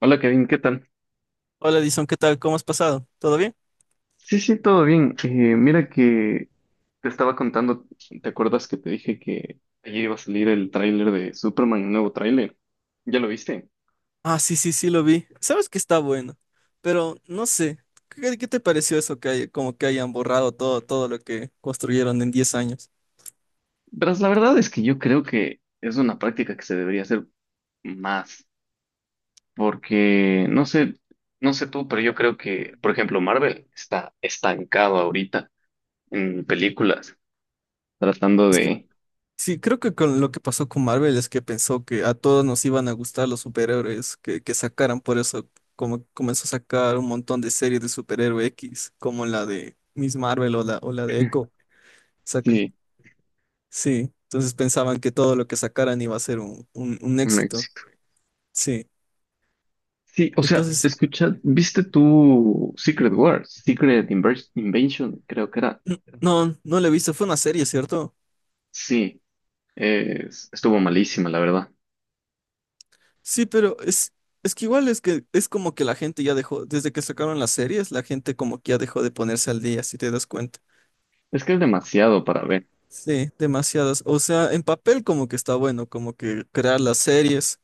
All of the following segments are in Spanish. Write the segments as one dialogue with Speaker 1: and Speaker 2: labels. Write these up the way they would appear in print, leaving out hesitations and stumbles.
Speaker 1: Hola Kevin, ¿qué tal?
Speaker 2: Hola Edison, ¿qué tal? ¿Cómo has pasado? ¿Todo bien?
Speaker 1: Sí, sí, todo bien. Mira que te estaba contando, ¿te acuerdas que te dije que ayer iba a salir el tráiler de Superman, el nuevo tráiler? ¿Ya lo viste?
Speaker 2: Ah, sí, sí, sí, lo vi. Sabes que está bueno, pero no sé, ¿qué te pareció eso que hay, como que hayan borrado todo lo que construyeron en 10 años?
Speaker 1: Pero la verdad es que yo creo que es una práctica que se debería hacer más, porque no sé, no sé tú, pero yo creo que, por ejemplo, Marvel está estancado ahorita en películas, tratando
Speaker 2: Es que
Speaker 1: de...
Speaker 2: sí, creo que con lo que pasó con Marvel es que pensó que a todos nos iban a gustar los superhéroes que sacaran, por eso como comenzó a sacar un montón de series de superhéroe X, como la de Miss Marvel o la de Echo.
Speaker 1: Sí,
Speaker 2: Sí, entonces pensaban que todo lo que sacaran iba a ser un éxito. Sí,
Speaker 1: sí, o sea,
Speaker 2: entonces sí.
Speaker 1: escucha, ¿viste tu Secret Wars, Invasion, creo que era.
Speaker 2: No, no la he visto, fue una serie, ¿cierto?
Speaker 1: Sí, estuvo malísima, la verdad.
Speaker 2: Sí, es que igual es que es como que la gente ya dejó, desde que sacaron las series, la gente como que ya dejó de ponerse al día, si te das cuenta.
Speaker 1: Es que es demasiado para ver.
Speaker 2: Sí, demasiadas. O sea, en papel como que está bueno, como que crear las series.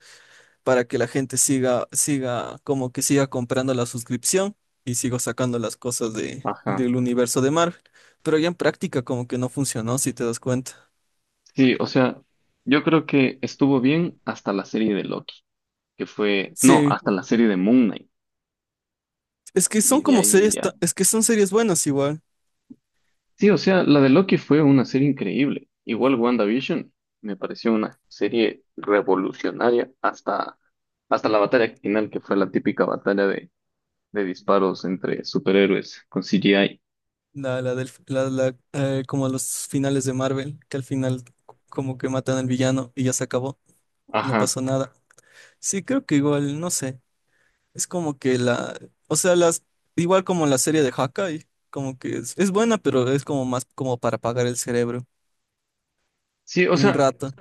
Speaker 2: Para que la gente como que siga comprando la suscripción y sigo sacando las cosas
Speaker 1: Ajá.
Speaker 2: del universo de Marvel. Pero ya en práctica como que no funcionó, si te das cuenta.
Speaker 1: Sí, o sea, yo creo que estuvo bien hasta la serie de Loki, que fue, no,
Speaker 2: Sí,
Speaker 1: hasta la serie de Moon Knight,
Speaker 2: es que son
Speaker 1: y de
Speaker 2: como
Speaker 1: ahí
Speaker 2: series,
Speaker 1: ya.
Speaker 2: es que son series buenas igual.
Speaker 1: Sí, o sea, la de Loki fue una serie increíble. Igual WandaVision me pareció una serie revolucionaria hasta, hasta la batalla final, que fue la típica batalla de disparos entre superhéroes con CGI.
Speaker 2: La como los finales de Marvel, que al final como que matan al villano y ya se acabó, no
Speaker 1: Ajá.
Speaker 2: pasó nada. Sí, creo que igual, no sé. Es como que la, o sea, las, Igual como la serie de Hawkeye, como que es buena, pero es como más como para apagar el cerebro
Speaker 1: Sí, o
Speaker 2: un
Speaker 1: sea,
Speaker 2: rato.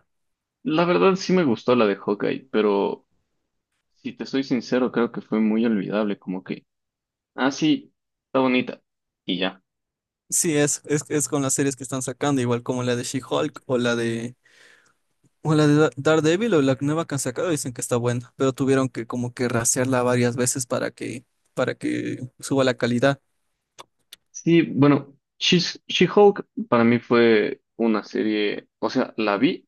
Speaker 1: la verdad sí me gustó la de Hawkeye, pero si te soy sincero, creo que fue muy olvidable, como que, ah, sí, está bonita. Y ya.
Speaker 2: Sí, es con las series que están sacando, igual como la de She-Hulk o la de Daredevil o la nueva que han sacado, dicen que está buena, pero tuvieron que como que rasearla varias veces para que suba la calidad.
Speaker 1: Sí, bueno, She-Hulk para mí fue una serie, o sea, la vi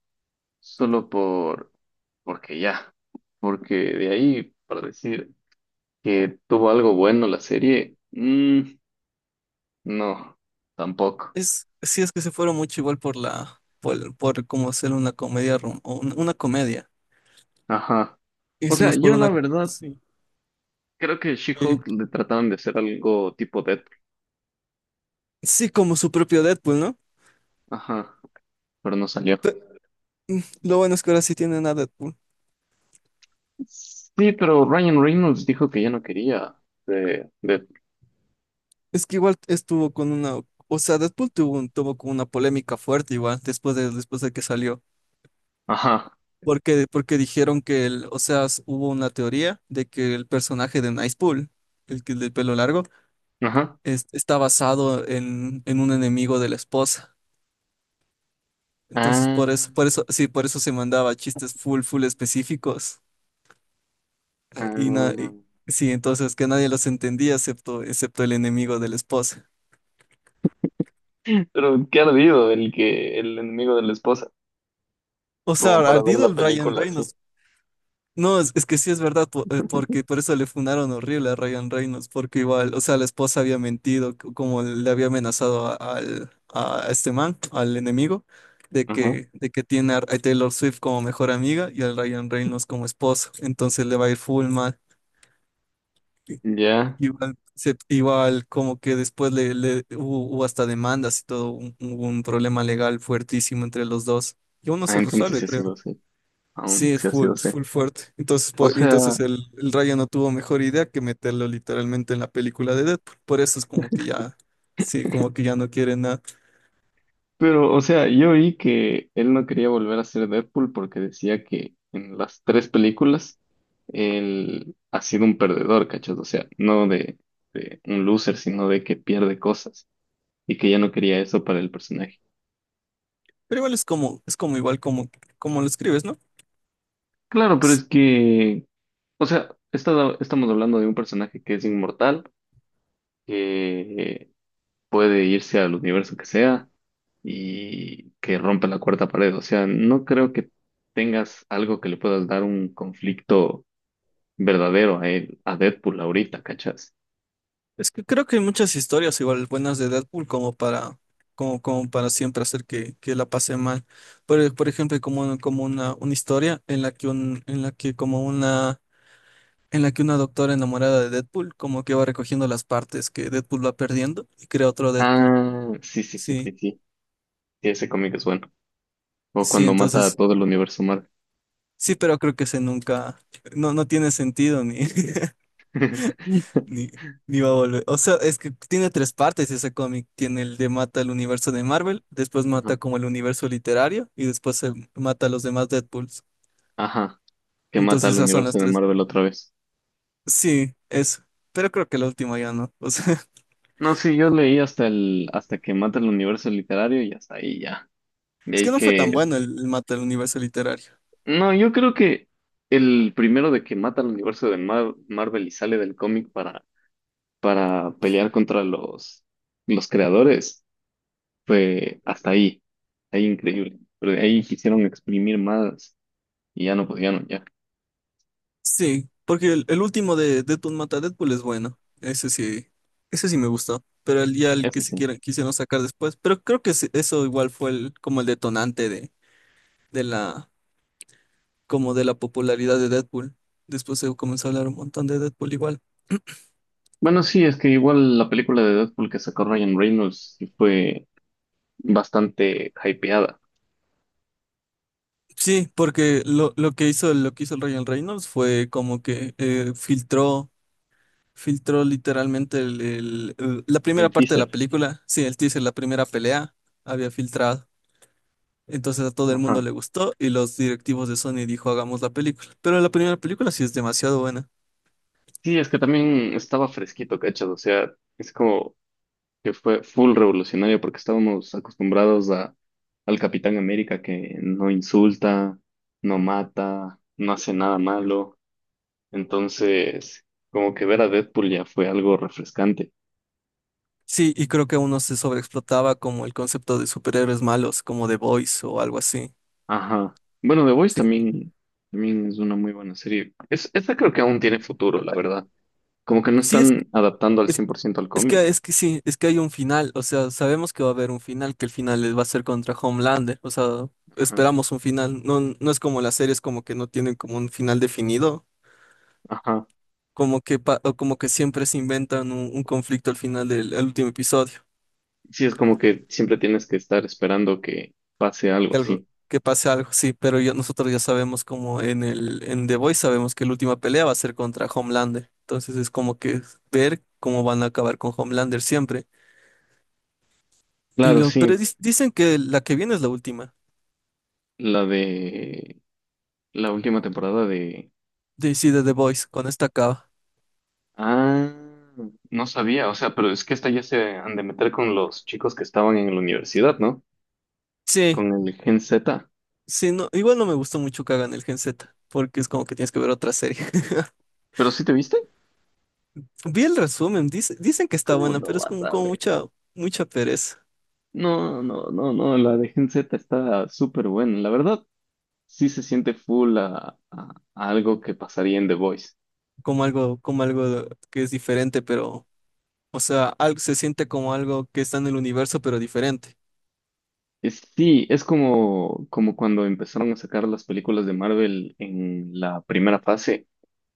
Speaker 1: solo por, porque ya, porque de ahí, para decir que tuvo algo bueno la serie, no, tampoco.
Speaker 2: Es, sí, es que se fueron mucho igual por como hacer una comedia, una comedia.
Speaker 1: Ajá. O
Speaker 2: Hice
Speaker 1: sea,
Speaker 2: más por
Speaker 1: yo la
Speaker 2: una,
Speaker 1: verdad
Speaker 2: sí.
Speaker 1: creo que She-Hulk le trataron de hacer algo tipo Deadpool.
Speaker 2: Sí, como su propio Deadpool, ¿no?
Speaker 1: Ajá, pero no salió.
Speaker 2: Pe- Lo bueno es que ahora sí tienen a Deadpool.
Speaker 1: Sí, pero Ryan Reynolds dijo que ya no quería de Deadpool.
Speaker 2: Es que igual estuvo con una, o sea, Deadpool tuvo, tuvo como una polémica fuerte igual después de que salió.
Speaker 1: Ajá,
Speaker 2: Porque dijeron que el, o sea, hubo una teoría de que el personaje de Nicepool, el que el del pelo largo,
Speaker 1: ajá.
Speaker 2: está basado en un enemigo de la esposa. Entonces,
Speaker 1: Ah,
Speaker 2: por eso se mandaba chistes full, full específicos. eh, Y, na-
Speaker 1: ah.
Speaker 2: y- sí, entonces que nadie los entendía excepto el enemigo de la esposa.
Speaker 1: Pero qué ardido el que el enemigo de la esposa,
Speaker 2: O sea,
Speaker 1: como para ver
Speaker 2: ardido
Speaker 1: la
Speaker 2: el Ryan
Speaker 1: película así.
Speaker 2: Reynolds. No, es que sí es verdad, porque por eso le fundaron horrible a Ryan Reynolds, porque igual, o sea, la esposa había mentido, como le había amenazado a este man, al enemigo,
Speaker 1: Ajá,
Speaker 2: de que tiene a Taylor Swift como mejor amiga y al Ryan Reynolds como esposo, entonces le va a ir full mal. I-
Speaker 1: ya.
Speaker 2: Igual, igual como que después hubo, hubo hasta demandas y todo, un, hubo un problema legal fuertísimo entre los dos, y aún no
Speaker 1: Ah,
Speaker 2: se
Speaker 1: entonces
Speaker 2: resuelve,
Speaker 1: sí ha
Speaker 2: creo.
Speaker 1: sido así. Aún
Speaker 2: Sí,
Speaker 1: sí ha sido
Speaker 2: es
Speaker 1: así.
Speaker 2: full fuerte. Entonces,
Speaker 1: O sea.
Speaker 2: entonces el Raya no tuvo mejor idea que meterlo literalmente en la película de Deadpool. Por eso es como que ya, sí, como que ya no quiere nada.
Speaker 1: Pero, o sea, yo oí que él no quería volver a ser Deadpool porque decía que en las tres películas él ha sido un perdedor, ¿cachas? O sea, no de, de un loser, sino de que pierde cosas y que ya no quería eso para el personaje.
Speaker 2: Pero igual es como, como lo escribes, ¿no?
Speaker 1: Claro, pero es
Speaker 2: Es
Speaker 1: que, o sea, estamos hablando de un personaje que es inmortal, que puede irse al universo que sea y que rompe la cuarta pared. O sea, no creo que tengas algo que le puedas dar un conflicto verdadero a él, a Deadpool ahorita, ¿cachas?
Speaker 2: es que creo que hay muchas historias igual buenas de Deadpool como para siempre hacer que la pase mal. Por ejemplo, una historia en la que un, en la que como una en la que una doctora enamorada de Deadpool como que va recogiendo las partes que Deadpool va perdiendo y crea otro Deadpool.
Speaker 1: Ah, sí, sí, sí,
Speaker 2: Sí,
Speaker 1: sí, sí. Sí, ese cómic es bueno. O
Speaker 2: sí,
Speaker 1: cuando mata a
Speaker 2: entonces,
Speaker 1: todo el universo Marvel.
Speaker 2: sí, pero creo que ese nunca, no, no tiene sentido ni, ni, ni va a volver. O sea, es que tiene tres partes ese cómic. Tiene el de mata el universo de Marvel, después
Speaker 1: Ajá.
Speaker 2: mata como el universo literario y después se mata a los demás Deadpools.
Speaker 1: Ajá, que mata
Speaker 2: Entonces
Speaker 1: al
Speaker 2: esas son
Speaker 1: universo
Speaker 2: las
Speaker 1: de
Speaker 2: tres.
Speaker 1: Marvel otra vez.
Speaker 2: Sí, eso. Pero creo que la última ya no. O sea,
Speaker 1: No, sí, yo leí hasta el, hasta que mata el universo literario y hasta ahí ya. De
Speaker 2: es que
Speaker 1: ahí
Speaker 2: no fue tan
Speaker 1: que,
Speaker 2: bueno el mata el universo literario.
Speaker 1: no, yo creo que el primero de que mata al universo de Marvel y sale del cómic para pelear contra los creadores fue hasta ahí, ahí increíble. Pero de ahí quisieron exprimir más y ya no podían, ya.
Speaker 2: Sí, porque el último de Deathloop Mata a Deadpool es bueno. Ese sí me gustó. Pero el ya el que
Speaker 1: Eso sí.
Speaker 2: quisieron sacar después. Eso igual fue el, como el detonante de la, como de la popularidad de Deadpool. Después se comenzó a hablar un montón de Deadpool igual.
Speaker 1: Bueno, sí, es que igual la película de Deadpool que sacó Ryan Reynolds sí fue bastante hypeada,
Speaker 2: Sí, porque lo que hizo el Ryan Reynolds fue como que filtró, filtró literalmente la primera
Speaker 1: el
Speaker 2: parte de la
Speaker 1: teaser.
Speaker 2: película. Sí, el teaser, la primera pelea había filtrado. Entonces a todo el mundo
Speaker 1: Ajá.
Speaker 2: le gustó y los directivos de Sony dijo, hagamos la película. Pero la primera película sí es demasiado buena.
Speaker 1: Sí, es que también estaba fresquito, ¿cachas? O sea, es como que fue full revolucionario porque estábamos acostumbrados a, al Capitán América que no insulta, no mata, no hace nada malo. Entonces, como que ver a Deadpool ya fue algo refrescante.
Speaker 2: Sí, y creo que uno se sobreexplotaba como el concepto de superhéroes malos, como The Boys o algo así.
Speaker 1: Ajá. Bueno, The Voice
Speaker 2: Sí,
Speaker 1: también, también es una muy buena serie. Es, esta creo que aún tiene futuro, la verdad. Como que no
Speaker 2: sí
Speaker 1: están adaptando al
Speaker 2: es,
Speaker 1: 100% al cómic.
Speaker 2: es que sí, es que hay un final, o sea, sabemos que va a haber un final, que el final va a ser contra Homelander, o sea,
Speaker 1: Ajá.
Speaker 2: esperamos un final. No, no es como las series como que no tienen como un final definido,
Speaker 1: Ajá.
Speaker 2: como que o como que siempre se inventan un conflicto al final del al último episodio.
Speaker 1: Sí, es como que siempre tienes que estar esperando que pase algo
Speaker 2: Que algo,
Speaker 1: así.
Speaker 2: que pase algo, sí, pero nosotros ya sabemos como en The Voice sabemos que la última pelea va a ser contra Homelander. Entonces es como que ver cómo van a acabar con Homelander siempre. Y
Speaker 1: Claro,
Speaker 2: lo, pero
Speaker 1: sí.
Speaker 2: dicen que la que viene es la última.
Speaker 1: La de la última temporada de...
Speaker 2: De, sí, de The Voice, con esta acaba.
Speaker 1: Ah, no sabía. O sea, pero es que esta ya se han de meter con los chicos que estaban en la universidad, ¿no?
Speaker 2: Sí,
Speaker 1: Con el Gen Z.
Speaker 2: sí, no, igual no me gustó mucho que hagan el Gen Z, porque es como que tienes que ver otra serie.
Speaker 1: ¿Pero sí te viste?
Speaker 2: Vi el resumen, dicen que está
Speaker 1: ¿Cómo
Speaker 2: buena,
Speaker 1: no
Speaker 2: pero es
Speaker 1: vas
Speaker 2: como,
Speaker 1: a ver?
Speaker 2: mucha pereza.
Speaker 1: No, no, no, no, la de Gen Z está súper buena. La verdad, sí se siente full a, a algo que pasaría en The Voice.
Speaker 2: Como algo que es diferente, pero o sea, algo se siente como algo que está en el universo, pero diferente.
Speaker 1: Es, sí, es como, como cuando empezaron a sacar las películas de Marvel en la primera fase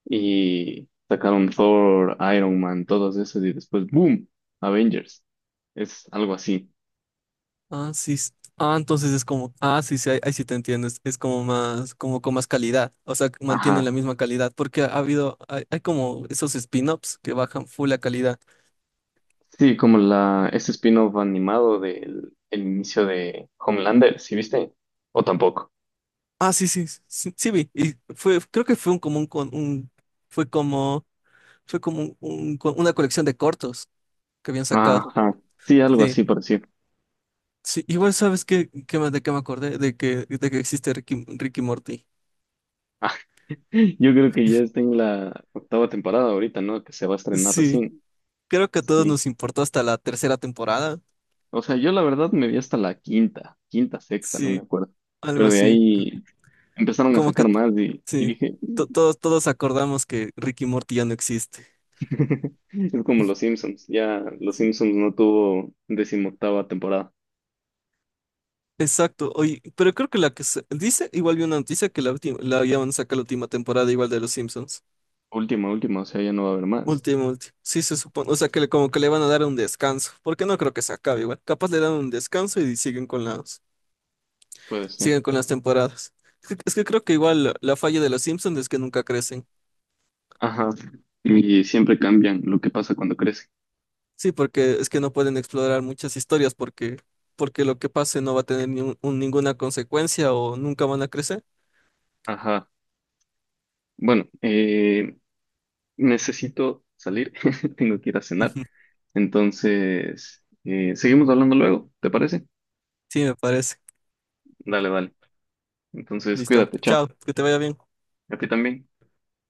Speaker 1: y sacaron Thor, Iron Man, todas esas y después, ¡boom! Avengers. Es algo así.
Speaker 2: Ah, sí. Ah, entonces es como, ah, sí, sí, ahí sí te entiendes. Es como más, como con más calidad. O sea, que
Speaker 1: Ajá.
Speaker 2: mantienen la misma calidad, porque ha habido, hay como esos spin-offs que bajan full la calidad.
Speaker 1: Sí, como la, ese spin-off animado del el inicio de Homelander, ¿sí viste? ¿O tampoco?
Speaker 2: Ah, sí, sí, sí, sí vi. Y fue, creo que fue un común con un, fue como, fue como una colección de cortos que habían sacado.
Speaker 1: Ajá, sí, algo
Speaker 2: Sí.
Speaker 1: así por decir.
Speaker 2: Sí, igual sabes qué, de qué me acordé, de que existe Ricky, Ricky Morty.
Speaker 1: Ah, yo creo que ya está en la octava temporada ahorita, ¿no? Que se va a estrenar
Speaker 2: Sí.
Speaker 1: recién.
Speaker 2: Creo que a todos
Speaker 1: Sí.
Speaker 2: nos importó hasta la tercera temporada.
Speaker 1: O sea, yo la verdad me vi hasta la quinta, quinta, sexta, no me
Speaker 2: Sí,
Speaker 1: acuerdo.
Speaker 2: algo
Speaker 1: Pero de
Speaker 2: así.
Speaker 1: ahí empezaron a
Speaker 2: Como que,
Speaker 1: sacar más y
Speaker 2: sí,
Speaker 1: dije,
Speaker 2: todos, todos acordamos que Ricky y Morty ya no existe.
Speaker 1: es como los Simpsons, ya los
Speaker 2: Sí.
Speaker 1: Simpsons no tuvo decimoctava temporada.
Speaker 2: Exacto, oye, pero creo que la que dice, igual vi una noticia que la última, la habían sacado la última temporada igual de Los Simpsons.
Speaker 1: Última, última, o sea, ya no va a haber más.
Speaker 2: Último último. Sí, se supone. O sea, que le, como que le van a dar un descanso. Porque no creo que se acabe igual. Capaz le dan un descanso y siguen
Speaker 1: Puede ser.
Speaker 2: siguen con las temporadas. Es que creo que igual la, la falla de Los Simpsons es que nunca crecen.
Speaker 1: Ajá. Y siempre cambian lo que pasa cuando crece.
Speaker 2: Sí, porque es que no pueden explorar muchas historias porque lo que pase no va a tener ni un- un- ninguna consecuencia o nunca van a crecer.
Speaker 1: Ajá. Bueno, necesito salir. Tengo que ir a cenar. Entonces, seguimos hablando luego, ¿te parece?
Speaker 2: Sí, me parece.
Speaker 1: Dale, dale. Entonces,
Speaker 2: Listo.
Speaker 1: cuídate, chao.
Speaker 2: Chao, que te vaya bien.
Speaker 1: A ti también.